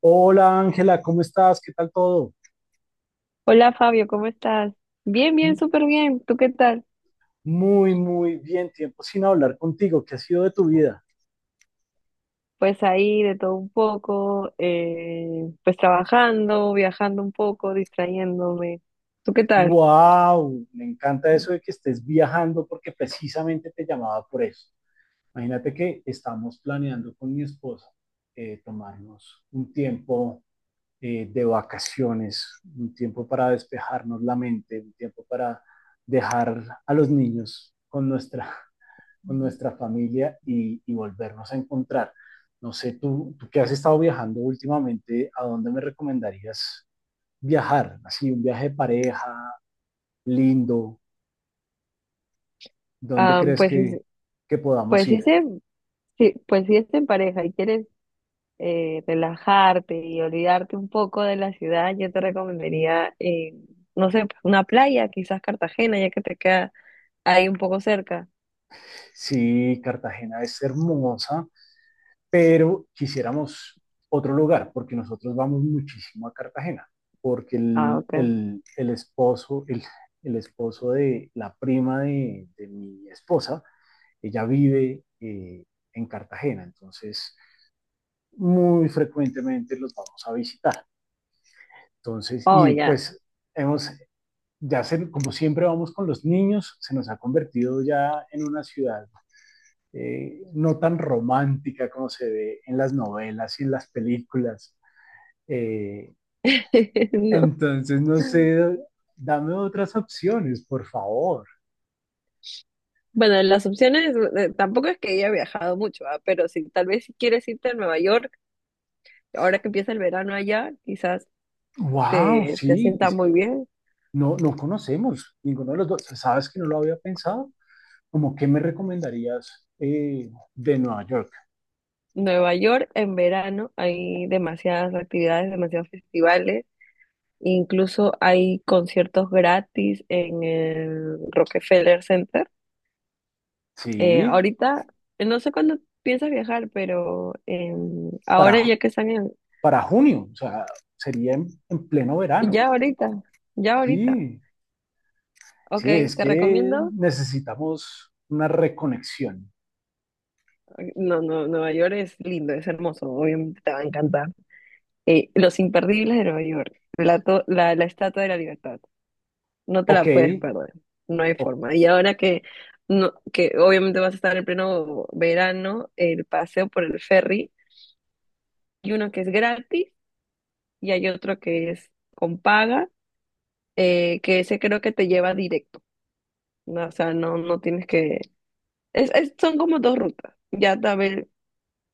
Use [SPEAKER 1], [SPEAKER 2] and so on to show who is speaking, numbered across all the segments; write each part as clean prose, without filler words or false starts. [SPEAKER 1] Hola Ángela, ¿cómo estás? ¿Qué tal todo?
[SPEAKER 2] Hola Fabio, ¿cómo estás? Bien, bien,
[SPEAKER 1] M-
[SPEAKER 2] súper bien. ¿Tú qué tal?
[SPEAKER 1] Muy, muy bien. Tiempo sin hablar contigo. ¿Qué ha sido de tu vida?
[SPEAKER 2] Pues ahí de todo un poco, pues trabajando, viajando un poco, distrayéndome. ¿Tú qué tal?
[SPEAKER 1] ¡Wow! Me encanta eso de que estés viajando, porque precisamente te llamaba por eso. Imagínate que estamos planeando con mi esposa tomarnos un tiempo de vacaciones, un tiempo para despejarnos la mente, un tiempo para dejar a los niños con nuestra familia, y volvernos a encontrar. No sé, tú que has estado viajando últimamente, ¿a dónde me recomendarías viajar? Así, un viaje de pareja, lindo, ¿dónde
[SPEAKER 2] Ah,
[SPEAKER 1] crees
[SPEAKER 2] pues, es-
[SPEAKER 1] que
[SPEAKER 2] pues,
[SPEAKER 1] podamos
[SPEAKER 2] sí
[SPEAKER 1] ir?
[SPEAKER 2] se- sí, pues sí es en pareja y quieres, relajarte y olvidarte un poco de la ciudad, yo te recomendaría, no sé, pues, una playa, quizás Cartagena, ya que te queda ahí un poco cerca.
[SPEAKER 1] Sí, Cartagena es hermosa, pero quisiéramos otro lugar, porque nosotros vamos muchísimo a Cartagena, porque
[SPEAKER 2] Ah, ok.
[SPEAKER 1] el esposo de la prima de mi esposa. Ella vive en Cartagena, entonces muy frecuentemente los vamos a visitar. Entonces,
[SPEAKER 2] Oh,
[SPEAKER 1] y
[SPEAKER 2] ya.
[SPEAKER 1] pues hemos, ya se, como siempre vamos con los niños, se nos ha convertido ya en una ciudad no tan romántica como se ve en las novelas y en las películas. Eh,
[SPEAKER 2] No.
[SPEAKER 1] entonces, no sé, dame otras opciones, por favor.
[SPEAKER 2] Bueno, las opciones, tampoco es que haya viajado mucho, ah, pero si tal vez si quieres irte a Nueva York, ahora que empieza el verano allá, quizás
[SPEAKER 1] Wow,
[SPEAKER 2] te
[SPEAKER 1] sí,
[SPEAKER 2] sienta
[SPEAKER 1] pues
[SPEAKER 2] muy bien.
[SPEAKER 1] no, no conocemos ninguno de los dos. ¿Sabes que no lo había pensado? ¿Cómo qué me recomendarías de Nueva York?
[SPEAKER 2] Nueva York en verano hay demasiadas actividades, demasiados festivales. Incluso hay conciertos gratis en el Rockefeller Center.
[SPEAKER 1] Sí,
[SPEAKER 2] Ahorita, no sé cuándo piensas viajar, pero
[SPEAKER 1] para,
[SPEAKER 2] ahora
[SPEAKER 1] ju-
[SPEAKER 2] ya que están en...
[SPEAKER 1] para junio, o sea, sería en pleno verano.
[SPEAKER 2] Ya ahorita, ya ahorita.
[SPEAKER 1] Sí,
[SPEAKER 2] Ok,
[SPEAKER 1] sí, es
[SPEAKER 2] te
[SPEAKER 1] que
[SPEAKER 2] recomiendo.
[SPEAKER 1] necesitamos una reconexión.
[SPEAKER 2] No, no, Nueva York es lindo, es hermoso, obviamente te va a encantar. Los imperdibles de Nueva York, la Estatua de la Libertad. No te la
[SPEAKER 1] Ok,
[SPEAKER 2] puedes perder, no hay
[SPEAKER 1] o-
[SPEAKER 2] forma. Y ahora que, no, que obviamente vas a estar en pleno verano, el paseo por el ferry, hay uno que es gratis y hay otro que es con paga, que ese creo que te lleva directo, ¿no? O sea, no, no tienes que... son como dos rutas, ya a ver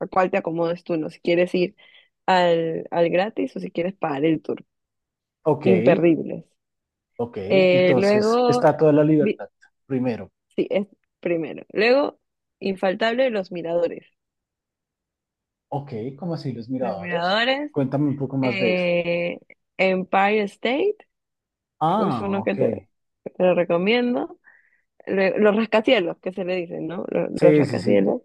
[SPEAKER 2] a cuál te acomodes tú, ¿no? Si quieres ir al gratis o si quieres pagar el tour,
[SPEAKER 1] ok,
[SPEAKER 2] imperdibles.
[SPEAKER 1] ok. Entonces,
[SPEAKER 2] Luego...
[SPEAKER 1] está toda la
[SPEAKER 2] vi-
[SPEAKER 1] libertad. Primero,
[SPEAKER 2] sí, es primero. Luego, infaltable, los miradores.
[SPEAKER 1] ok, ¿cómo así los
[SPEAKER 2] Los
[SPEAKER 1] miradores?
[SPEAKER 2] miradores,
[SPEAKER 1] Cuéntame un poco más de eso.
[SPEAKER 2] eh, Empire State, es
[SPEAKER 1] Ah,
[SPEAKER 2] uno que
[SPEAKER 1] ok.
[SPEAKER 2] que te lo recomiendo. Lue- los rascacielos, que se le dicen, ¿no?
[SPEAKER 1] Sí, sí, sí.
[SPEAKER 2] Rascacielos.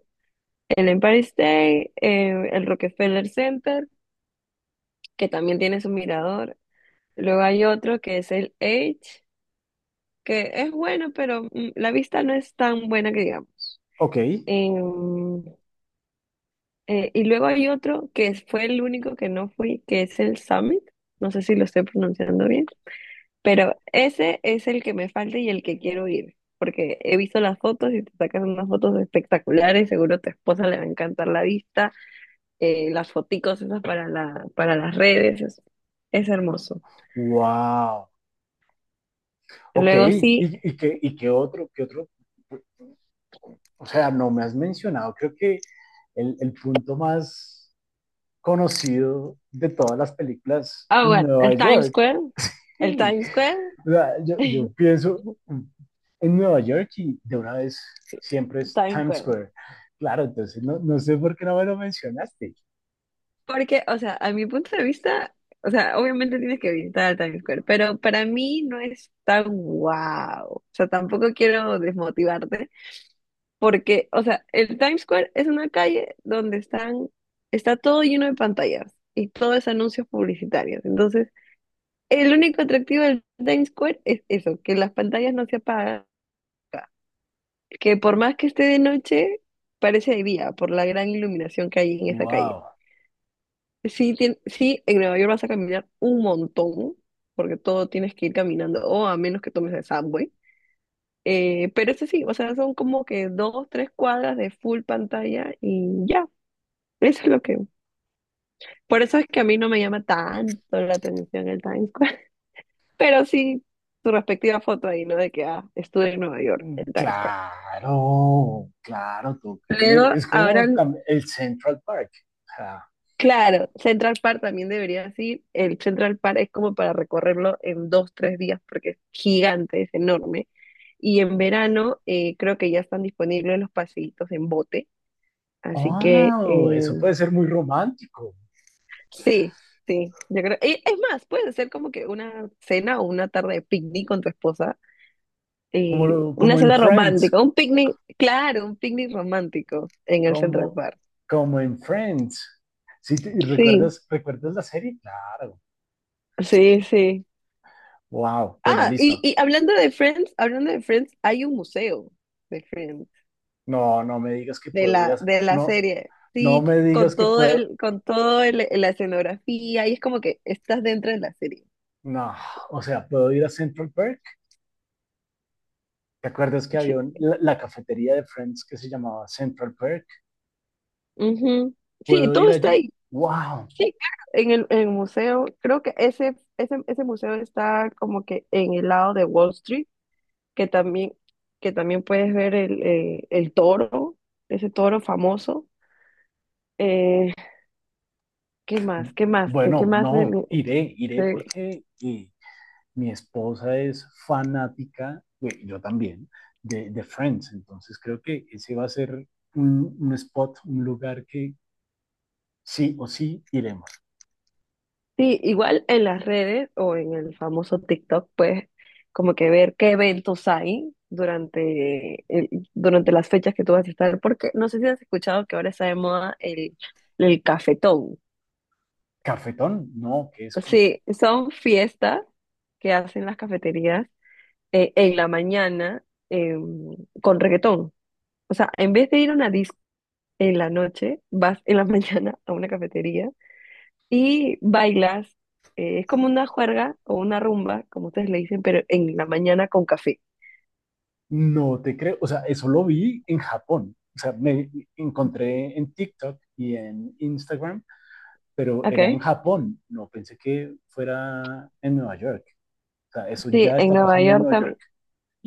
[SPEAKER 2] El Empire State, el Rockefeller Center, que también tiene su mirador. Luego hay otro que es el Edge, que es bueno, pero la vista no es tan buena que
[SPEAKER 1] Ok.
[SPEAKER 2] digamos. Y luego hay otro que es- fue el único que no fui, que es el Summit. No sé si lo estoy pronunciando bien, pero ese es el que me falta y el que quiero ir, porque he visto las fotos y te sacas unas fotos espectaculares. Seguro a tu esposa le va a encantar la vista, las foticos esas para las redes. Es hermoso.
[SPEAKER 1] Wow. Ok.
[SPEAKER 2] Luego sí,
[SPEAKER 1] Y qué otro, qué otro? O sea, no me has mencionado, creo que el punto más conocido de todas las películas
[SPEAKER 2] ah,
[SPEAKER 1] en
[SPEAKER 2] bueno,
[SPEAKER 1] Nueva
[SPEAKER 2] el Times
[SPEAKER 1] York.
[SPEAKER 2] Square, el
[SPEAKER 1] Sí,
[SPEAKER 2] Times Square,
[SPEAKER 1] o sea, yo pienso en Nueva York y de una vez siempre es
[SPEAKER 2] Times
[SPEAKER 1] Times
[SPEAKER 2] Square.
[SPEAKER 1] Square. Claro, entonces no, no sé por qué no me lo mencionaste.
[SPEAKER 2] Porque, o sea, a mi punto de vista, o sea, obviamente tienes que visitar Times Square, pero para mí no es tan guau. O sea, tampoco quiero desmotivarte, porque, o sea, el Times Square es una calle está todo lleno de pantallas y todo es anuncios publicitarios. Entonces, el único atractivo del Times Square es eso, que las pantallas no se apagan, que por más que esté de noche, parece de día, por la gran iluminación que hay en esa calle.
[SPEAKER 1] Wow,
[SPEAKER 2] Sí, tien- sí, en Nueva York vas a caminar un montón, porque todo tienes que ir caminando, o a menos que tomes el subway. Pero eso sí, o sea, son como que dos, tres cuadras de full pantalla y ya, eso es lo que... Por eso es que a mí no me llama tanto la atención el Times Square, pero sí su respectiva foto ahí, ¿no? De que, ah, estuve en Nueva York, en Times Square.
[SPEAKER 1] claro, claro, tengo que ir.
[SPEAKER 2] Luego,
[SPEAKER 1] Es
[SPEAKER 2] ahora
[SPEAKER 1] como tam- el Central Park. O sea,
[SPEAKER 2] claro, Central Park también debería ir. El Central Park es como para recorrerlo en dos, tres días porque es gigante, es enorme. Y en verano creo que ya están disponibles los paseitos en bote. Así que
[SPEAKER 1] wow, eso puede ser muy romántico.
[SPEAKER 2] sí, sí, yo creo. Y es más, puedes hacer como que una cena o una tarde de picnic con tu esposa. Una
[SPEAKER 1] Como en
[SPEAKER 2] cena
[SPEAKER 1] Friends,
[SPEAKER 2] romántica, un picnic, claro, un picnic romántico en el Central
[SPEAKER 1] como,
[SPEAKER 2] Park.
[SPEAKER 1] como en Friends. ¿Sí te- y
[SPEAKER 2] Sí,
[SPEAKER 1] recuerdas, recuerdas la serie? Claro.
[SPEAKER 2] sí, sí.
[SPEAKER 1] Wow. Bueno,
[SPEAKER 2] Ah,
[SPEAKER 1] listo.
[SPEAKER 2] y hablando de Friends, hay un museo de Friends,
[SPEAKER 1] No, no me digas que puedo ir a...
[SPEAKER 2] de la
[SPEAKER 1] No,
[SPEAKER 2] serie,
[SPEAKER 1] no
[SPEAKER 2] sí,
[SPEAKER 1] me digas que puedo...
[SPEAKER 2] con todo el, la escenografía, y es como que estás dentro de la serie.
[SPEAKER 1] No, o sea, puedo ir a Central Park. ¿Te acuerdas que había
[SPEAKER 2] Sí,
[SPEAKER 1] un- la cafetería de Friends que se llamaba Central Park?
[SPEAKER 2] ujú. Sí,
[SPEAKER 1] ¿Puedo ir
[SPEAKER 2] todo está
[SPEAKER 1] allá?
[SPEAKER 2] ahí.
[SPEAKER 1] Wow.
[SPEAKER 2] Sí, claro, en el museo, creo que ese museo está como que en el lado de Wall Street, que también, que también puedes ver el toro, ese toro famoso. Eh, ¿Qué más? ¿Qué más? ¿De qué
[SPEAKER 1] Bueno,
[SPEAKER 2] más? Me-
[SPEAKER 1] no,
[SPEAKER 2] me-
[SPEAKER 1] iré, iré
[SPEAKER 2] Sí.
[SPEAKER 1] porque mi esposa es fanática, yo también, de, Friends. Entonces creo que ese va a ser un, spot, un lugar que sí o sí iremos.
[SPEAKER 2] Sí, igual en las redes o en el famoso TikTok, pues como que ver qué eventos hay durante, el- durante las fechas que tú vas a estar, porque no sé si has escuchado que ahora está de moda el cafetón.
[SPEAKER 1] Cafetón, no, que es como,
[SPEAKER 2] Sí, son fiestas que hacen las cafeterías en la mañana eh, con reggaetón. O sea, en vez de ir a una disco en la noche, vas en la mañana a una cafetería y bailas, es como una juerga o una rumba, como ustedes le dicen, pero en la mañana con café.
[SPEAKER 1] no te creo. O sea, eso lo vi en Japón. O sea, me encontré en TikTok y en Instagram, pero era en
[SPEAKER 2] Okay.
[SPEAKER 1] Japón. No pensé que fuera en Nueva York. O sea, eso
[SPEAKER 2] Sí,
[SPEAKER 1] ya
[SPEAKER 2] en
[SPEAKER 1] está
[SPEAKER 2] Nueva
[SPEAKER 1] pasando en
[SPEAKER 2] York
[SPEAKER 1] Nueva
[SPEAKER 2] también.
[SPEAKER 1] York.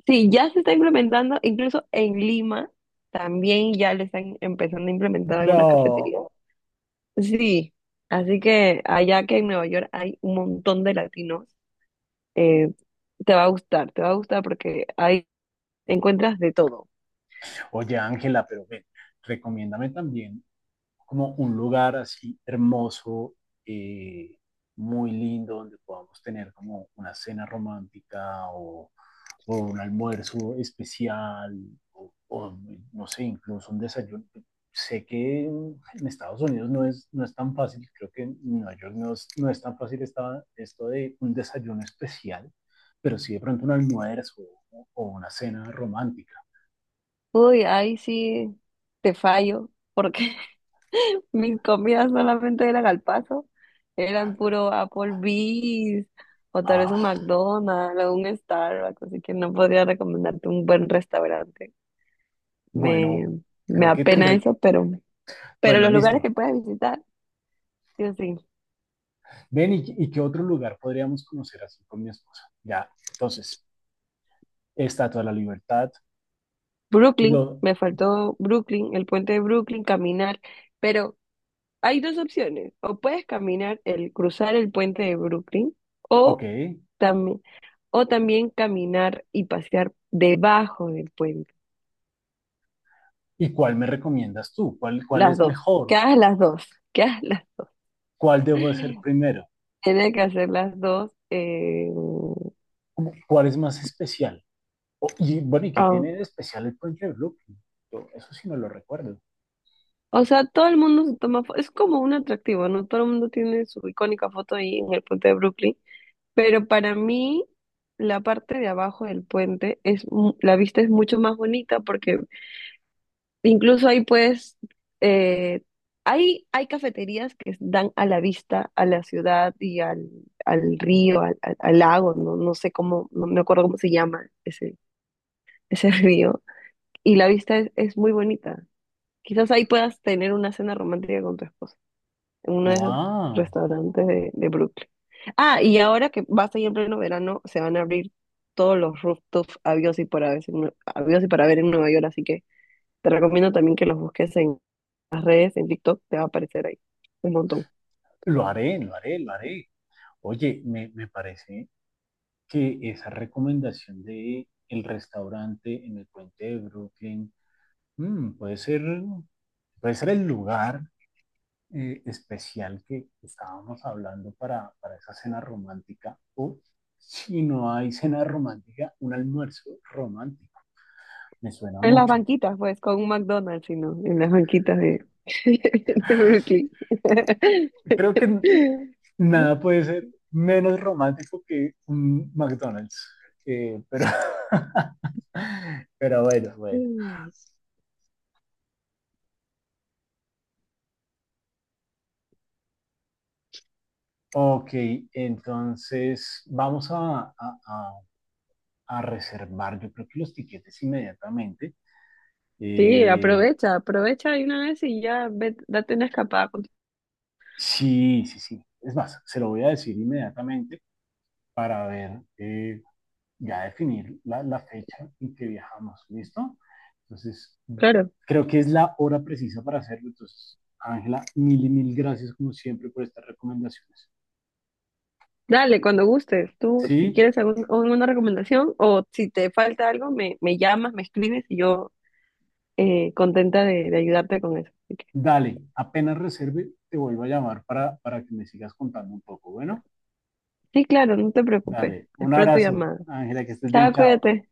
[SPEAKER 2] Sí, ya se está implementando, incluso en Lima también ya le están empezando a implementar algunas
[SPEAKER 1] No.
[SPEAKER 2] cafeterías. Sí, así que allá que en Nueva York hay un montón de latinos, eh, te va a gustar, te va a gustar porque ahí encuentras de todo.
[SPEAKER 1] Oye, Ángela, pero ven, recomiéndame también como un lugar así hermoso, eh, muy lindo, donde podamos tener como una cena romántica o un almuerzo especial o, no sé, incluso un desayuno. Sé que en Estados Unidos no es, no es tan fácil, creo que en Nueva York no es, no es tan fácil esta, esto de un desayuno especial, pero sí de pronto un almuerzo o una cena romántica.
[SPEAKER 2] Uy, ahí sí te fallo porque mis comidas solamente eran al paso, eran puro Applebee's o tal vez un
[SPEAKER 1] Ah,
[SPEAKER 2] McDonald's o un Starbucks, así que no podría recomendarte un buen restaurante. Me,
[SPEAKER 1] bueno,
[SPEAKER 2] me
[SPEAKER 1] creo que
[SPEAKER 2] apena
[SPEAKER 1] tendré que...
[SPEAKER 2] eso, pero
[SPEAKER 1] Bueno,
[SPEAKER 2] los lugares que
[SPEAKER 1] listo.
[SPEAKER 2] puedes visitar, yo sí.
[SPEAKER 1] Ven, y qué otro lugar podríamos conocer así con mi esposa? Ya, entonces, Estatua de la Libertad,
[SPEAKER 2] Brooklyn,
[SPEAKER 1] lo,
[SPEAKER 2] me faltó Brooklyn, el puente de Brooklyn, caminar, pero hay dos opciones, o puedes caminar, el cruzar el puente de Brooklyn,
[SPEAKER 1] ok,
[SPEAKER 2] o también, o también caminar y pasear debajo del puente.
[SPEAKER 1] ¿y cuál me recomiendas tú? ¿Cuál, cuál
[SPEAKER 2] Las
[SPEAKER 1] es
[SPEAKER 2] dos.
[SPEAKER 1] mejor?
[SPEAKER 2] Que hagas las dos. Que hagas las...
[SPEAKER 1] ¿Cuál debo hacer primero?
[SPEAKER 2] Tiene que hacer las dos.
[SPEAKER 1] ¿Cuál es más especial? Y bueno, ¿y qué
[SPEAKER 2] Ah,
[SPEAKER 1] tiene de especial el puente de Brooklyn? Yo eso sí no lo recuerdo.
[SPEAKER 2] o sea, todo el mundo se toma foto. Es como un atractivo, ¿no? Todo el mundo tiene su icónica foto ahí en el puente de Brooklyn. Pero para mí, la parte de abajo del puente es mu- la vista es mucho más bonita porque incluso ahí puedes eh, hay cafeterías que dan a la vista a la ciudad al río, al lago, no, no sé cómo, no me acuerdo cómo se llama ese río. Y la vista es muy bonita. Quizás ahí puedas tener una cena romántica con tu esposa, en uno de esos
[SPEAKER 1] ¡Wow!
[SPEAKER 2] restaurantes de Brooklyn. Ah, y ahora que vas a en pleno verano, se van a abrir todos los rooftops habidos y por haber en Nue- habidos y para ver en Nueva York, así que te recomiendo también que los busques en las redes, en TikTok, te va a aparecer ahí un montón.
[SPEAKER 1] Lo haré, lo haré, lo haré. Oye, me parece que esa recomendación de el restaurante en el puente de Brooklyn mm, puede ser. Puede ser el lugar especial que estábamos hablando para esa cena romántica o si no hay cena romántica, un almuerzo romántico. Me suena
[SPEAKER 2] En las
[SPEAKER 1] mucho.
[SPEAKER 2] banquitas, pues, con un McDonald's, sino en las banquitas de Brooklyn.
[SPEAKER 1] Creo que nada puede ser menos romántico que un McDonald's. Pero, pero bueno, bueno.
[SPEAKER 2] Mm,
[SPEAKER 1] Ok, entonces vamos a, a, a reservar, yo creo que los tiquetes inmediatamente.
[SPEAKER 2] sí,
[SPEAKER 1] Eh,
[SPEAKER 2] aprovecha, aprovecha de una vez y ya ve, date una escapada. Con-
[SPEAKER 1] Sí, sí, sí. Es más, se lo voy a decir inmediatamente para ver, ya definir la, la fecha en que viajamos, ¿listo? Entonces,
[SPEAKER 2] Claro,
[SPEAKER 1] creo que es la hora precisa para hacerlo. Entonces, Ángela, mil y mil gracias como siempre por estas recomendaciones.
[SPEAKER 2] dale, cuando gustes. Tú, si
[SPEAKER 1] Sí,
[SPEAKER 2] quieres algún- alguna recomendación o si te falta algo, me llamas, me escribes y yo contenta de ayudarte con eso. Así que,
[SPEAKER 1] dale, apenas reserve, te vuelvo a llamar para que me sigas contando un poco. Bueno,
[SPEAKER 2] sí, claro, no te preocupes.
[SPEAKER 1] dale, un
[SPEAKER 2] Espero tu
[SPEAKER 1] abrazo,
[SPEAKER 2] llamada.
[SPEAKER 1] Ángela, que estés bien,
[SPEAKER 2] Chao,
[SPEAKER 1] chao.
[SPEAKER 2] cuídate.